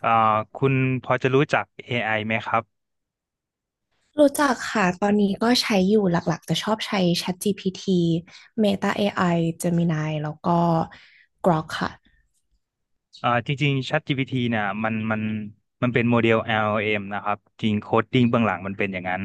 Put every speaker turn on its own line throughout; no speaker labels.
เอ่อคุณพอจะรู้จัก AI ไอไหมครับ
รู้จักค่ะตอนนี้ก็ใช้อยู่หลักๆจะชอบใช้ ChatGPT Meta AI Gemini แล้วก็ Grok ค่ะ
จริงๆ ChatGPT เนี่ยมันเป็นโมเดล LLM นะครับจริงโคดดิ้งเบื้องหลังมันเป็นอย่างนั้น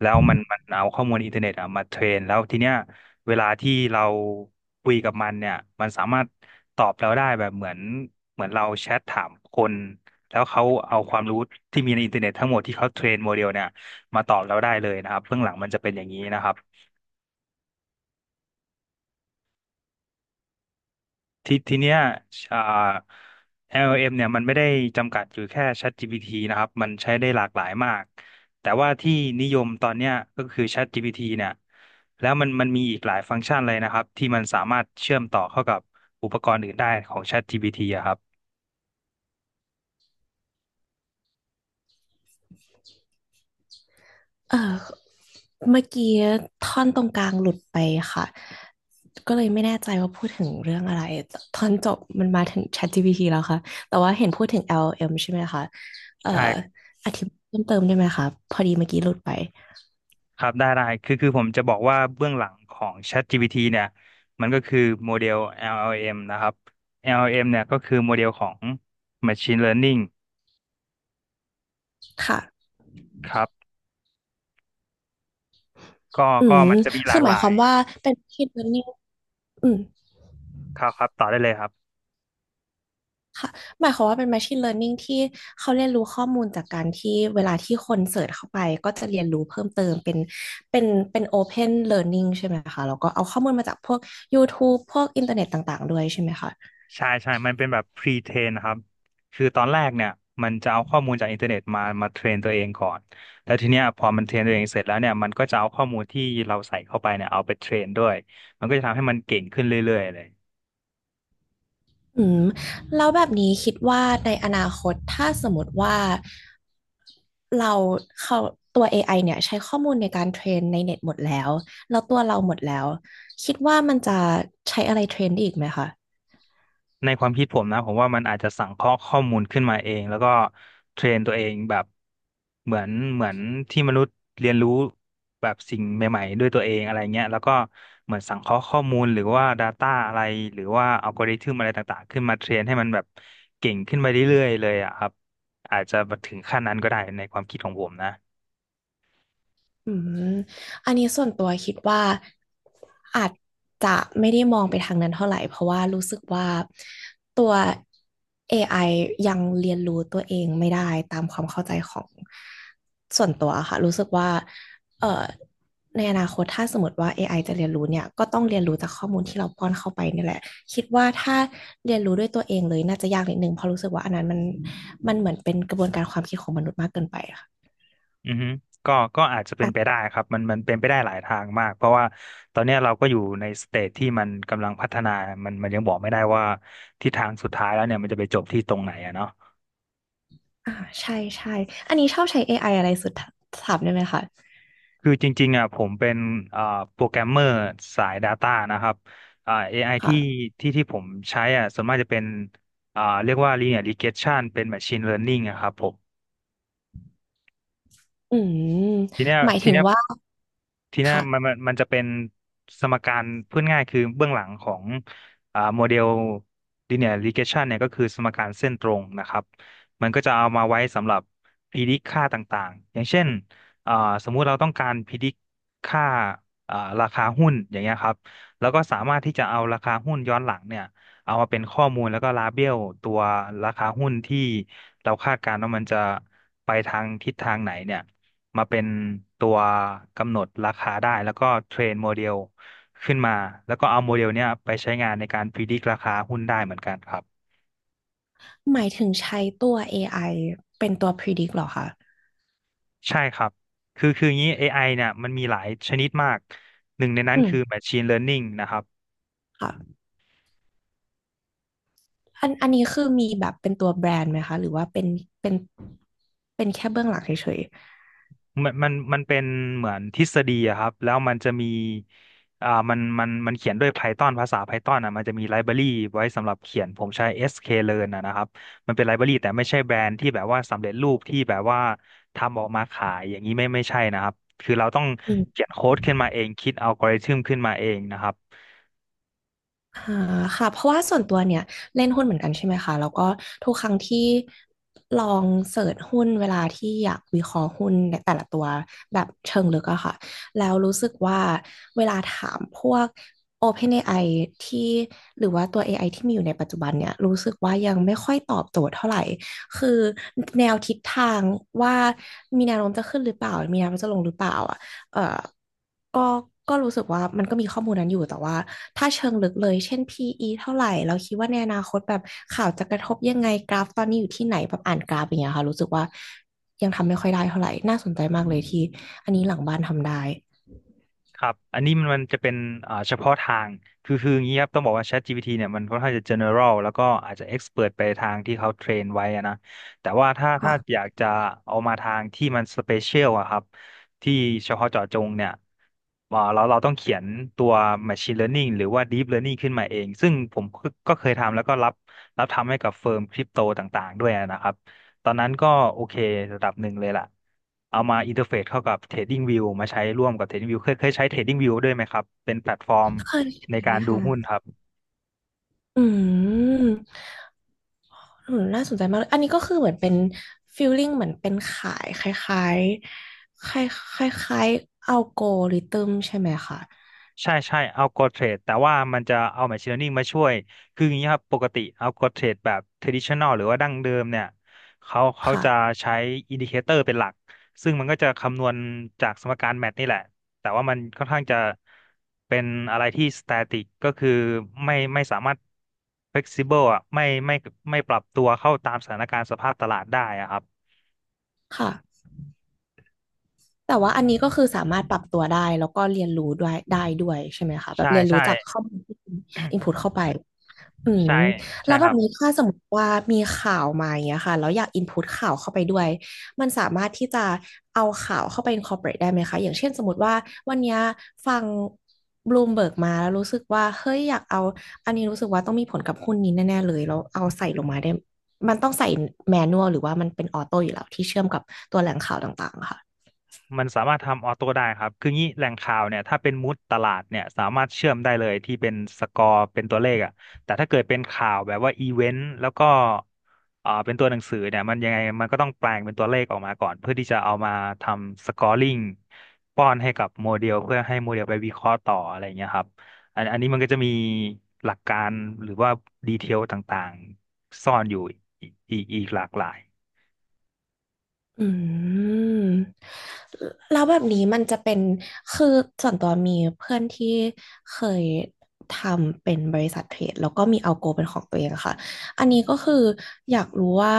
แล้วมันมันเอาข้อมูลอินเทอร์เน็ตอะมาเทรนแล้วทีเนี้ยเวลาที่เราคุยกับมันเนี่ยมันสามารถตอบเราได้แบบเหมือนเราแชทถามคนแล้วเขาเอาความรู้ที่มีในอินเทอร์เน็ตทั้งหมดที่เขาเทรนโมเดลเนี่ยมาตอบเราได้เลยนะครับเบื้องหลังมันจะเป็นอย่างนี้นะครับ เนี้ยอ่า LLM เอ็มเนี่ยมันไม่ได้จำกัดอยู่แค่ ChatGPT นะครับมันใช้ได้หลากหลายมากแต่ว่าที่นิยมตอนเนี้ยก็คือ ChatGPT เนี่ยแล้วมันมันมีอีกหลายฟังก์ชันเลยนะครับที่มันสามารถเชื่อมต่อเข้ากับอุปกรณ์อื่นได้ของ ChatGPT อะครับ
เออเมื่อกี้ท่อนตรงกลางหลุดไปค่ะก็เลยไม่แน่ใจว่าพูดถึงเรื่องอะไรท่อนจบมันมาถึง ChatGPT แล้วค่ะแต่ว่าเห็นพูดถึง LLM ใช่ไหมคะเอ่อ
ใช่
อธิบายเพิ่มเติมได้ไหมคะพอดีเมื่อกี้หลุดไป
ครับได้คือผมจะบอกว่าเบื้องหลังของ ChatGPT เนี่ยมันก็คือโมเดล LLM นะครับ LLM เอ็มเนี่ยก็คือโมเดลของ Machine Learning
ค่ะ
ครับก็
อื
ก็
ม
มันจะมีห
คื
ลา
อ
ก
ห
ห
มายค
ลา
วา
ย
มว่าเป็น machine learning อืม
ครับครับต่อได้เลยครับ
ค่ะหมายความว่าเป็น Machine Learning ที่เขาเรียนรู้ข้อมูลจากการที่เวลาที่คนเสิร์ชเข้าไปก็จะเรียนรู้เพิ่มเติมเป็นเป็นเป็น Open Learning ใช่ไหมคะแล้วก็เอาข้อมูลมาจากพวก YouTube พวกอินเทอร์เน็ตต่างๆด้วยใช่ไหมคะ
ใช่ใช่มันเป็นแบบ pre-train นะครับคือตอนแรกเนี่ยมันจะเอาข้อมูลจากอินเทอร์เน็ตมาเทรนตัวเองก่อนแล้วทีเนี้ยพอมันเทรนตัวเองเสร็จแล้วเนี่ยมันก็จะเอาข้อมูลที่เราใส่เข้าไปเนี่ยเอาไปเทรนด้วยมันก็จะทำให้มันเก่งขึ้นเรื่อยๆเลย
อืมแล้วแบบนี้คิดว่าในอนาคตถ้าสมมติว่าเราเขาตัว AI เนี่ยใช้ข้อมูลในการเทรนในเน็ตหมดแล้วแล้วตัวเราหมดแล้วคิดว่ามันจะใช้อะไรเทรนได้อีกไหมคะ
ในความคิดผมนะผมว่ามันอาจจะสังเคราะห์ข้อมูลขึ้นมาเองแล้วก็เทรนตัวเองแบบเหมือนที่มนุษย์เรียนรู้แบบสิ่งใหม่ๆด้วยตัวเองอะไรเงี้ยแล้วก็เหมือนสังเคราะห์ข้อมูลหรือว่า Data อะไรหรือว่าอัลกอริทึมอะไรต่างๆขึ้นมาเทรนให้มันแบบเก่งขึ้นมาเรื่อยๆเลยอะครับอาจจะถึงขั้นนั้นก็ได้ในความคิดของผมนะ
อืมอันนี้ส่วนตัวคิดว่าอาจจะไม่ได้มองไปทางนั้นเท่าไหร่เพราะว่ารู้สึกว่าตัว AI ยังเรียนรู้ตัวเองไม่ได้ตามความเข้าใจของส่วนตัวค่ะรู้สึกว่าเอ่อในอนาคตถ้าสมมติว่า AI จะเรียนรู้เนี่ยก็ต้องเรียนรู้จากข้อมูลที่เราป้อนเข้าไปนี่แหละคิดว่าถ้าเรียนรู้ด้วยตัวเองเลยน่าจะยากนิดนึงเพราะรู้สึกว่าอันนั้นมันเหมือนเป็นกระบวนการความคิดของมนุษย์มากเกินไปค่ะ
อือฮึก็อาจจะเป็นไป
อ่ะ
ได้ครับมันเป็นไปได้หลายทางมากเพราะว่าตอนเนี้ยเราก็อยู่ในสเตจที่มันกำลังพัฒนามันยังบอกไม่ได้ว่าทิศทางสุดท้ายแล้วเนี่ยมันจะไปจบที่ตรงไหนอะเนาะ
อ่าใช่ใช่ อันนี้ชอบใช้ AI อไออะไรสุดถามได้ไหมคะ
คือจริงๆอ่ะผมเป็นเอ่อโปรแกรมเมอร์สาย Data นะครับAI ที่
ค่ะ
ผมใช้อ่ะส่วนมากจะเป็นเรียกว่า Linear Regression เป็น Machine Learning อะครับผม
อืม
ทีเนี้ย
หมาย
ที
ถึง
เนี้ย
ว่า
ทีเนี้ยมัน
ค่ะ
มันมันจะเป็นสมการพูดง่ายคือเบื้องหลังของโมเดล linear regression เนี่ยก็คือสมการเส้นตรงนะครับมันก็จะเอามาไว้สำหรับ predict ค่าต่างๆอย่างเช่นอ่าสมมุติเราต้องการ predict ค่าอ่าราคาหุ้นอย่างเงี้ยครับแล้วก็สามารถที่จะเอาราคาหุ้นย้อนหลังเนี่ยเอามาเป็นข้อมูลแล้วก็ลาเบลตัวราคาหุ้นที่เราคาดการณ์ว่ามันจะไปทางทิศทางไหนเนี่ย มาเป็นตัวกำหนดราคาได้แล้วก็เทรนโมเดลขึ้นมาแล้วก็เอาโมเดลเนี้ยไปใช้งานในการพิจิตรราคาหุ้นได้เหมือนกันครับ
หมายถึงใช้ตัว AI เป็นตัว predict เหรอคะ
ใช่ครับคืออย่างนี้ AI เนี่ยมันมีหลายชนิดมากหนึ่งในนั้น
อืม
คือ Machine Learning นะครับ
ค่ะอันนี้คือมีแบบเป็นตัวแบรนด์ไหมคะหรือว่าเป็นเป็นเป็นแค่เบื้องหลังเฉย
มันเป็นเหมือนทฤษฎีอะครับแล้วมันจะมีมันเขียนด้วย Python ภาษา Python อ่ะมันจะมีไลบรารีไว้สำหรับเขียนผมใช้ sklearn อสเค Learn อะนะครับมันเป็นไลบรารีแต่ไม่ใช่แบรนด์ที่แบบว่าสำเร็จรูปที่แบบว่าทำออกมาขายอย่างนี้ไม่ใช่นะครับคือเราต้อง
ๆอืม
เขียนโค้ดขึ้นมาเองคิดอัลกอริทึมขึ้นมาเองนะครับ
อ่าค่ะเพราะว่าส่วนตัวเนี่ยเล่นหุ้นเหมือนกันใช่ไหมคะแล้วก็ทุกครั้งที่ลองเสิร์ชหุ้นเวลาที่อยากวิเคราะห์หุ้นในแต่ละตัวแบบเชิงลึกอะค่ะแล้วรู้สึกว่าเวลาถามพวก OpenAI ที่หรือว่าตัว AI ที่มีอยู่ในปัจจุบันเนี่ยรู้สึกว่ายังไม่ค่อยตอบโจทย์เท่าไหร่คือแนวทิศทางว่ามีแนวโน้มจะขึ้นหรือเปล่ามีแนวโน้มจะลงหรือเปล่าอะเอ่อก็ก็รู้สึกว่ามันก็มีข้อมูลนั้นอยู่แต่ว่า ถ้าเชิงลึกเลยเช่น PE เท่าไหร่เราคิดว่าในอนาคตแบบข่าวจะกระทบยังไงกราฟตอนนี้อยู่ที่ไหนแบบอ่านกราฟอย่างเงี้ยค่ะรู้สึกว่ายังทำไม่ค่อยได้เท่าไหร่น่าสนใจมากเลยที่อันนี้หลังบ้านทำได้
ครับ อันนี้มันจะเป็นเฉพาะทาง คืออย่างนี้ครับ ต้องบอกว่า ChatGPT เนี่ยมันค่อนข้างจะ general แล้วก็อาจจะ expert ไปทางที่เขาเทรนไว้อะนะ แต่ว่าถ้า
ค่ะ
อยากจะเอามาทางที่มัน special อะครับ ที่เฉพาะเจาะจงเนี่ยเราต้องเขียนตัว machine learning หรือว่า deep learning ขึ้นมาเอง ซึ่งผมก็เคยทำแล้วก็รับทำให้กับเฟิร์มคริปโตต่างๆ ด้วยนะครับ ตอนนั้นก็โอเคระดับหนึ่งเลยล่ะเอามาอินเทอร์เฟซเข้ากับ Trading View มาใช้ร่วมกับ Trading View เคยใช้ Trading View ด้วยไหมครับ เป็นแพลตฟอร์ม
เคย
ใน
ใช้
การดูหุ้น
ค่ะ
ครับ
อืมอืมน่าสนใจมากเลยอันนี้ก็คือเหมือนเป็นฟีลลิ่งเหมือนเป็นขายคล้ายๆคล้ายคล้ายๆอัลกอริทึมใช่ไหมคะ
ใช่ใช่เอาอร t เทรดแต่ว่ามันจะเอา Machine Learning มาช่วยคืออย่างนี้ครับปกติเอาอร t เทรดแบบ traditional หรือว่าดั้งเดิมเนี่ยเขาจะ
ค่ะ
ใช้อินดิเคเตอร์เป็นหลักซึ่งมันก็จะคำนวณจากสมการแมทนี่แหละแต่ว่ามันค่อนข้างจะเป็นอะไรที่ static ก็คือไม่สามารถ flexible อ่ะไม่ปรับตัวเข้าตามสถานการณ์สภาพตลาดได้อะครับ
ค่ะ แต่ว่าอันนี้ก็คือสามารถปรับตัวได้แล้วก็เรียนรู้ด้วยได้ด้วยใช่ไหมคะแบบ
ใช่
เรียนรู้
ใช่
จากข้อมูลที่อินพุตเข้าไปอืม
ใช่ใช่
แล้ว
ค
แบ
รั
บ
บ
นี้ถ้าสมมติว่ามีข่าวมาอย่างเงี้ยค่ะแล้วอยากอินพุตข่าวเข้าไปด้วยมันสามารถที่จะเอาข่าวเข้าไป incorporate ได้ไหมคะอย่างเช่นสมมติว่าวันเนี้ยฟังบลูมเบิร์กมาแล้วรู้สึกว่าเฮ้ยอยากเอาอันนี้รู้สึกว่าต้องมีผลกับหุ้นนี้แน่ๆเลยแล้วเอาใส่ลงมาได้มันต้องใส่แมนนวลหรือว่ามันเป็นออโต้อยู่แล้วที่เชื่อมกับตัวแหล่งข่าวต่างๆอะค่ะ
มันสามารถทำออโต้ได้ครับคืองี้แหล่งข่าวเนี่ยถ้าเป็นมูดตลาดเนี่ยสามารถเชื่อมได้เลยที่เป็นสกอร์เป็นตัวเลขอ่ะแต่ถ้าเกิดเป็นข่าวแบบว่าอีเวนต์แล้วก็เป็นตัวหนังสือเนี่ยมันยังไงมันก็ต้องแปลงเป็นตัวเลขออกมาก่อนเพื่อที่จะเอามาทำสกอร์ลิงป้อนให้กับโมเดลเพื่อให้โมเดลไปวิเคราะห์ต่ออะไรอย่างเงี้ยครับอันนี้มันก็จะมีหลักการหรือว่าดีเทลต่างๆซ่อนอยู่อีกหลากหลาย
อืมแล้วแบบนี้มันจะเป็นคือส่วนตัวมีเพื่อนที่เคยทำเป็นบริษัทเทรดแล้วก็มีเอาโกเป็นของตัวเองอะค่ะอันนี้ก็คืออยากรู้ว่า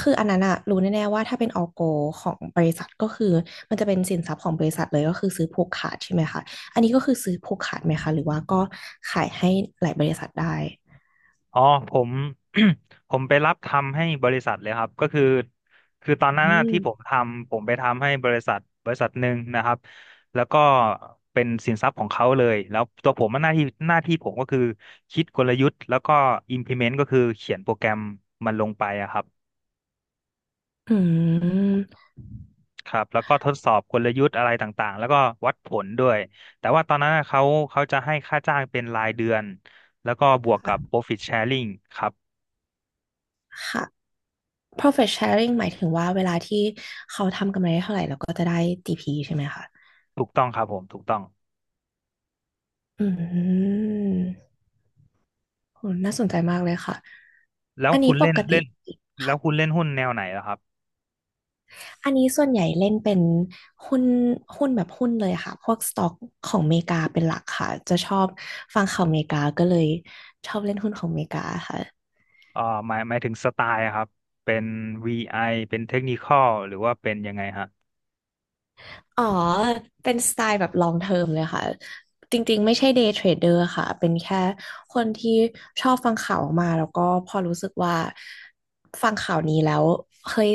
คืออันนั้นอะรู้แน่ๆว่าถ้าเป็นเอาโกของบริษัทก็คือมันจะเป็นสินทรัพย์ของบริษัทเลยก็คือซื้อผูกขาดใช่ไหมคะอันนี้ก็คือซื้อผูกขาดไหมคะหรือว่าก็ขายให้หลายบริษัทได้
อ๋อผม ผมไปรับทำให้บริษัทเลยครับก็คือคือตอนนั้
อื
นน่ะที่ผม
ม
ทำผมไปทำให้บริษัทหนึ่งนะครับแล้วก็เป็นสินทรัพย์ของเขาเลยแล้วตัวผมอะหน้าที่ผมก็คือคิดกลยุทธ์แล้วก็ implement ก็คือเขียนโปรแกรมมันลงไปอะครับ
อืม
ครับแล้วก็ทดสอบกลยุทธ์อะไรต่างๆแล้วก็วัดผลด้วยแต่ว่าตอนนั้นน่ะเขาจะให้ค่าจ้างเป็นรายเดือนแล้วก็บวกกับ
ค่ะ
profit sharing ครับ
ค่ะ profit sharing หมายถึงว่าเวลาที่เขาทำกำไรได้เท่าไหร่เราก็จะได้จีพ p ใช่ไหมคะ
ถูกต้องครับผมถูกต้อง
อืมโหน่าสนใจมากเลยค่ะ
แล้ว
อันนี้
คุณ
ป
เล่น
กติ
เล่นแล้
ค่ะ
วคุณเล่นหุ้นแนวไหนล่ะครับ
อันนี้ส่วนใหญ่เล่นเป็นหุ้น หุ้นแบบหุ้นเลยค่ะ พวกสต็อกของเมริกาเป็นหลักค่ะ จะชอบฟังข่าวเมริกาก็เลยชอบเล่นหุ้นของเมริกาค่ะ
เอ่อหมายถึงสไตล์อะครับเป็น VI เป็นเทคนิคอลหรือว่าเป็นยังไงฮะ
อ๋อ เป็นสไตล์แบบ long term เลยค่ะจริงๆไม่ใช่ day trader ค่ะเป็นแค่ คนที่ชอบฟังข่าวออกมาแล้วก็พอรู้สึกว่าฟังข่าวนี้แล้วเฮ้ย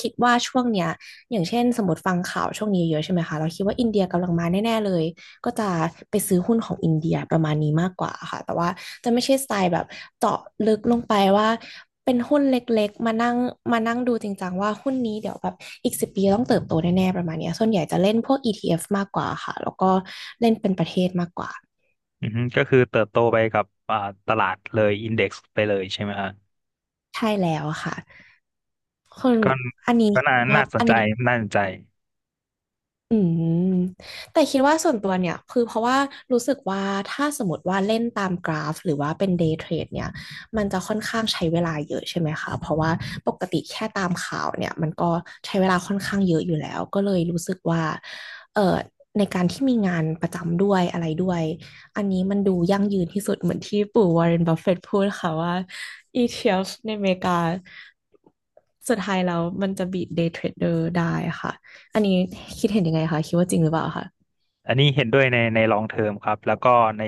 คิดว่าช่วงเนี้ยอย่างเช่นสมมติฟังข่าวช่วงนี้เยอะใช่ไหมคะเราคิดว่าอินเดียกำลังมาแน่ๆเลยก็จะไปซื้อหุ้นของอินเดียประมาณนี้มากกว่าค่ะแต่ว่าจะไม่ใช่สไตล์แบบเจาะลึกลงไปว่าเป็นหุ้นเล็กๆมานั่งดูจริงจังว่าหุ้นนี้เดี๋ยวแบบอีก10 ปีต้องเติบโตแน่ๆประมาณเนี้ยส่วนใหญ่จะเล่นพวก ETF มากกว่าค่ะแล้วก็เล่นเป็นประเทศมากกว่า
อือฮึก็คือเติบโตไปกับตลาดเลยอินเด็กซ์ไปเลยใช่ไหมฮะ
ใช่แล้วค่ะ
ก็
อันนี้
ก็น่า
ว่า
น่าสน
อัน
ใจ
นี้
น่าสนใจ
อืมแต่คิดว่าส่วนตัวเนี่ยคือเพราะว่ารู้สึกว่าถ้าสมมติว่าเล่นตามกราฟหรือว่าเป็นเดย์เทรดเนี่ยมันจะค่อนข้างใช้เวลาเยอะใช่ไหมคะเพราะว่าปกติแค่ตามข่าวเนี่ยมันก็ใช้เวลาค่อนข้างเยอะอยู่แล้วก็เลยรู้สึกว่าเอ่อในการที่มีงานประจำด้วยอะไรด้วยอันนี้มันดูยั่งยืนที่สุดเหมือนที่ปู่วอร์เรนบัฟเฟตต์พูดค่ะว่า ETF ในอเมริกาสุดท้ายแล้วมันจะบีทเดย์เทรดเดอร์ได้ค่ะ อันนี้คิดเห็นยังไงคะคิดว่าจริงหรือเปล่าคะ
อันนี้เห็นด้วยในในลองเทอมครับแล้วก็ใน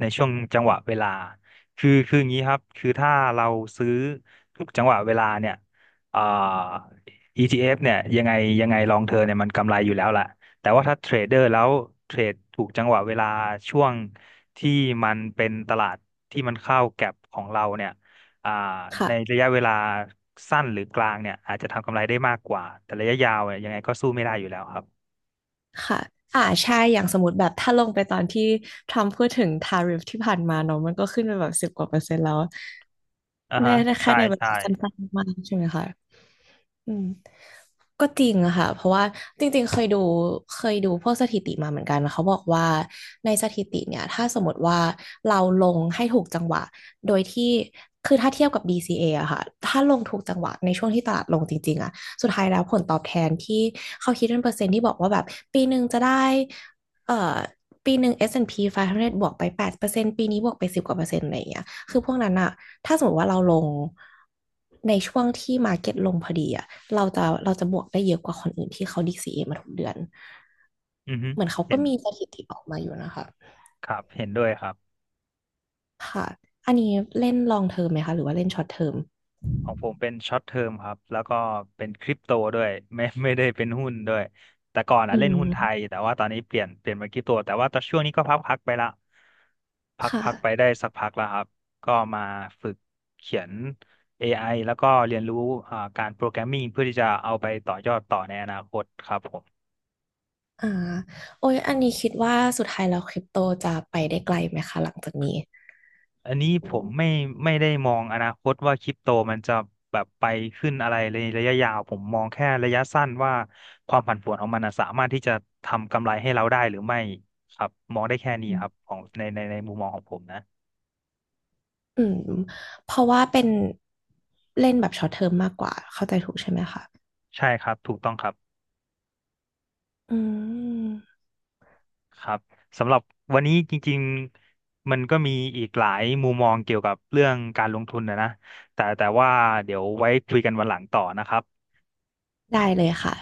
ในช่วงจังหวะเวลาคืออย่างนี้ครับคือถ้าเราซื้อทุกจังหวะเวลาเนี่ยอ่า ETF เอฟเนี่ยยังไงลองเทอมเนี่ยมันกำไรอยู่แล้วแหละแต่ว่าถ้าเทรดเดอร์แล้วเทรดถูกจังหวะเวลาช่วงที่มันเป็นตลาดที่มันเข้าแก็ปของเราเนี่ยอ่าใน
ค่ะ
ระยะเวลาสั้นหรือกลางเนี่ยอาจจะทำกำไรได้มากกว่าแต่ระยะยาวเนี่ยยังไงก็สู้ไม่ได้อยู่แล้วครับ
ค่ะอ่าใช่อย่างสมมติแบบถ้าลงไปตอนที่ทรัมป์พูดถึงทาริฟที่ผ่านมาเนาะมันก็ขึ้นไปแบบสิบกว่าเปอร์เซ็นต์แล้ว
อ่า
แน่
ฮะ
แค่
ใช่
ในเว
ใช่
ลาสั้นๆมากใช่ไหมคะ อืมก็จริงอะค่ะเพราะว่าจริงๆเคยดูพวกสถิติมาเหมือนกันเขาบอกว่าในสถิติเนี่ยถ้าสมมติว่าเราลงให้ถูกจังหวะโดยที่คือถ้าเทียบกับ b c a ออะค่ะถ้าลงถูกจังหวะในช่วงที่ตลาดลงจริงๆอะสุดท้ายแล้วผลตอบแทนที่เขาคิดเป็นเปอร์เซ็นต์ที่บอกว่าแบบปีหนึ่งจะได้เอ่อปีหนึ่ง S&P 500บวกไป8%ปดเปอร์เซ็นต์ปีนี้บวกไปสิบกว่าเปอร์เซ็นต์อะไรอย่างเงี้ย คือพวกนั้นอะถ้าสมมติว่าเราลงในช่วงที่มาร์เก็ตลงพอดีอะเราจะบวกได้เยอะกว่าคนอื่นที่เขา d เ a มาทุกเดือน
อือฮึ
เหมือนเขา
เห็
ก็
น
มีสถิติออกมาอยู่นะคะ
ครับเห็นด้วยครับ
ค่ะ อันนี้เล่นลองเทอมไหมคะ หรือว่าเล่นช็อตเทอม
ของผมเป็นช็อตเทอมครับแล้วก็เป็นคริปโตด้วย ไม่ได้เป็นหุ้นด้วยแต่ก่อน
อื
อ่ะเล่นหุ้
ม
นไทยแต่ว่าตอนนี้เปลี่ยนมาคริปโตแต่ว่าตอนช่วงนี้ก็พักไปละพัก
ค่ะ
พักไปได้สักพักแล้วครับก็มาฝึกเขียนเอไอแล้วก็เรียนรู้การโปรแกรมมิ่งเพื่อที่จะเอาไปต่อยอดต่อในอนาคตครับผม
อ่าโอ้ยอันนี้คิดว่าสุดท้ายแล้วคริปโตจะไปได้ไกลไหมคะหลังจากนี้
อันนี้ผมไม่ได้มองอนาคตว่าคริปโตมันจะแบบไปขึ้นอะไรในระยะยาวผมมองแค่ระยะสั้นว่าความผันผวนของมันน่ะสามารถที่จะทำกำไรให้เราได้หรือไม่ครับมองได้แค่นี้
อื
ครับ
ม
ของในในมุมมองของผมนะ
อืมเพราะว่าเป็นเล่นแบบช็อตเทอมมากกว่าเข้าใจถูกใช่ไหมคะ
ใช่ครับถูกต้องครับ
อืม
ครับสำหรับวันนี้จริงๆมันก็มีอีกหลายมุมมองเกี่ยวกับเรื่องการลงทุนนะแต่ว่าเดี๋ยวไว้คุยกันวันหลังต่อนะครับ
ได้เลยค่ะ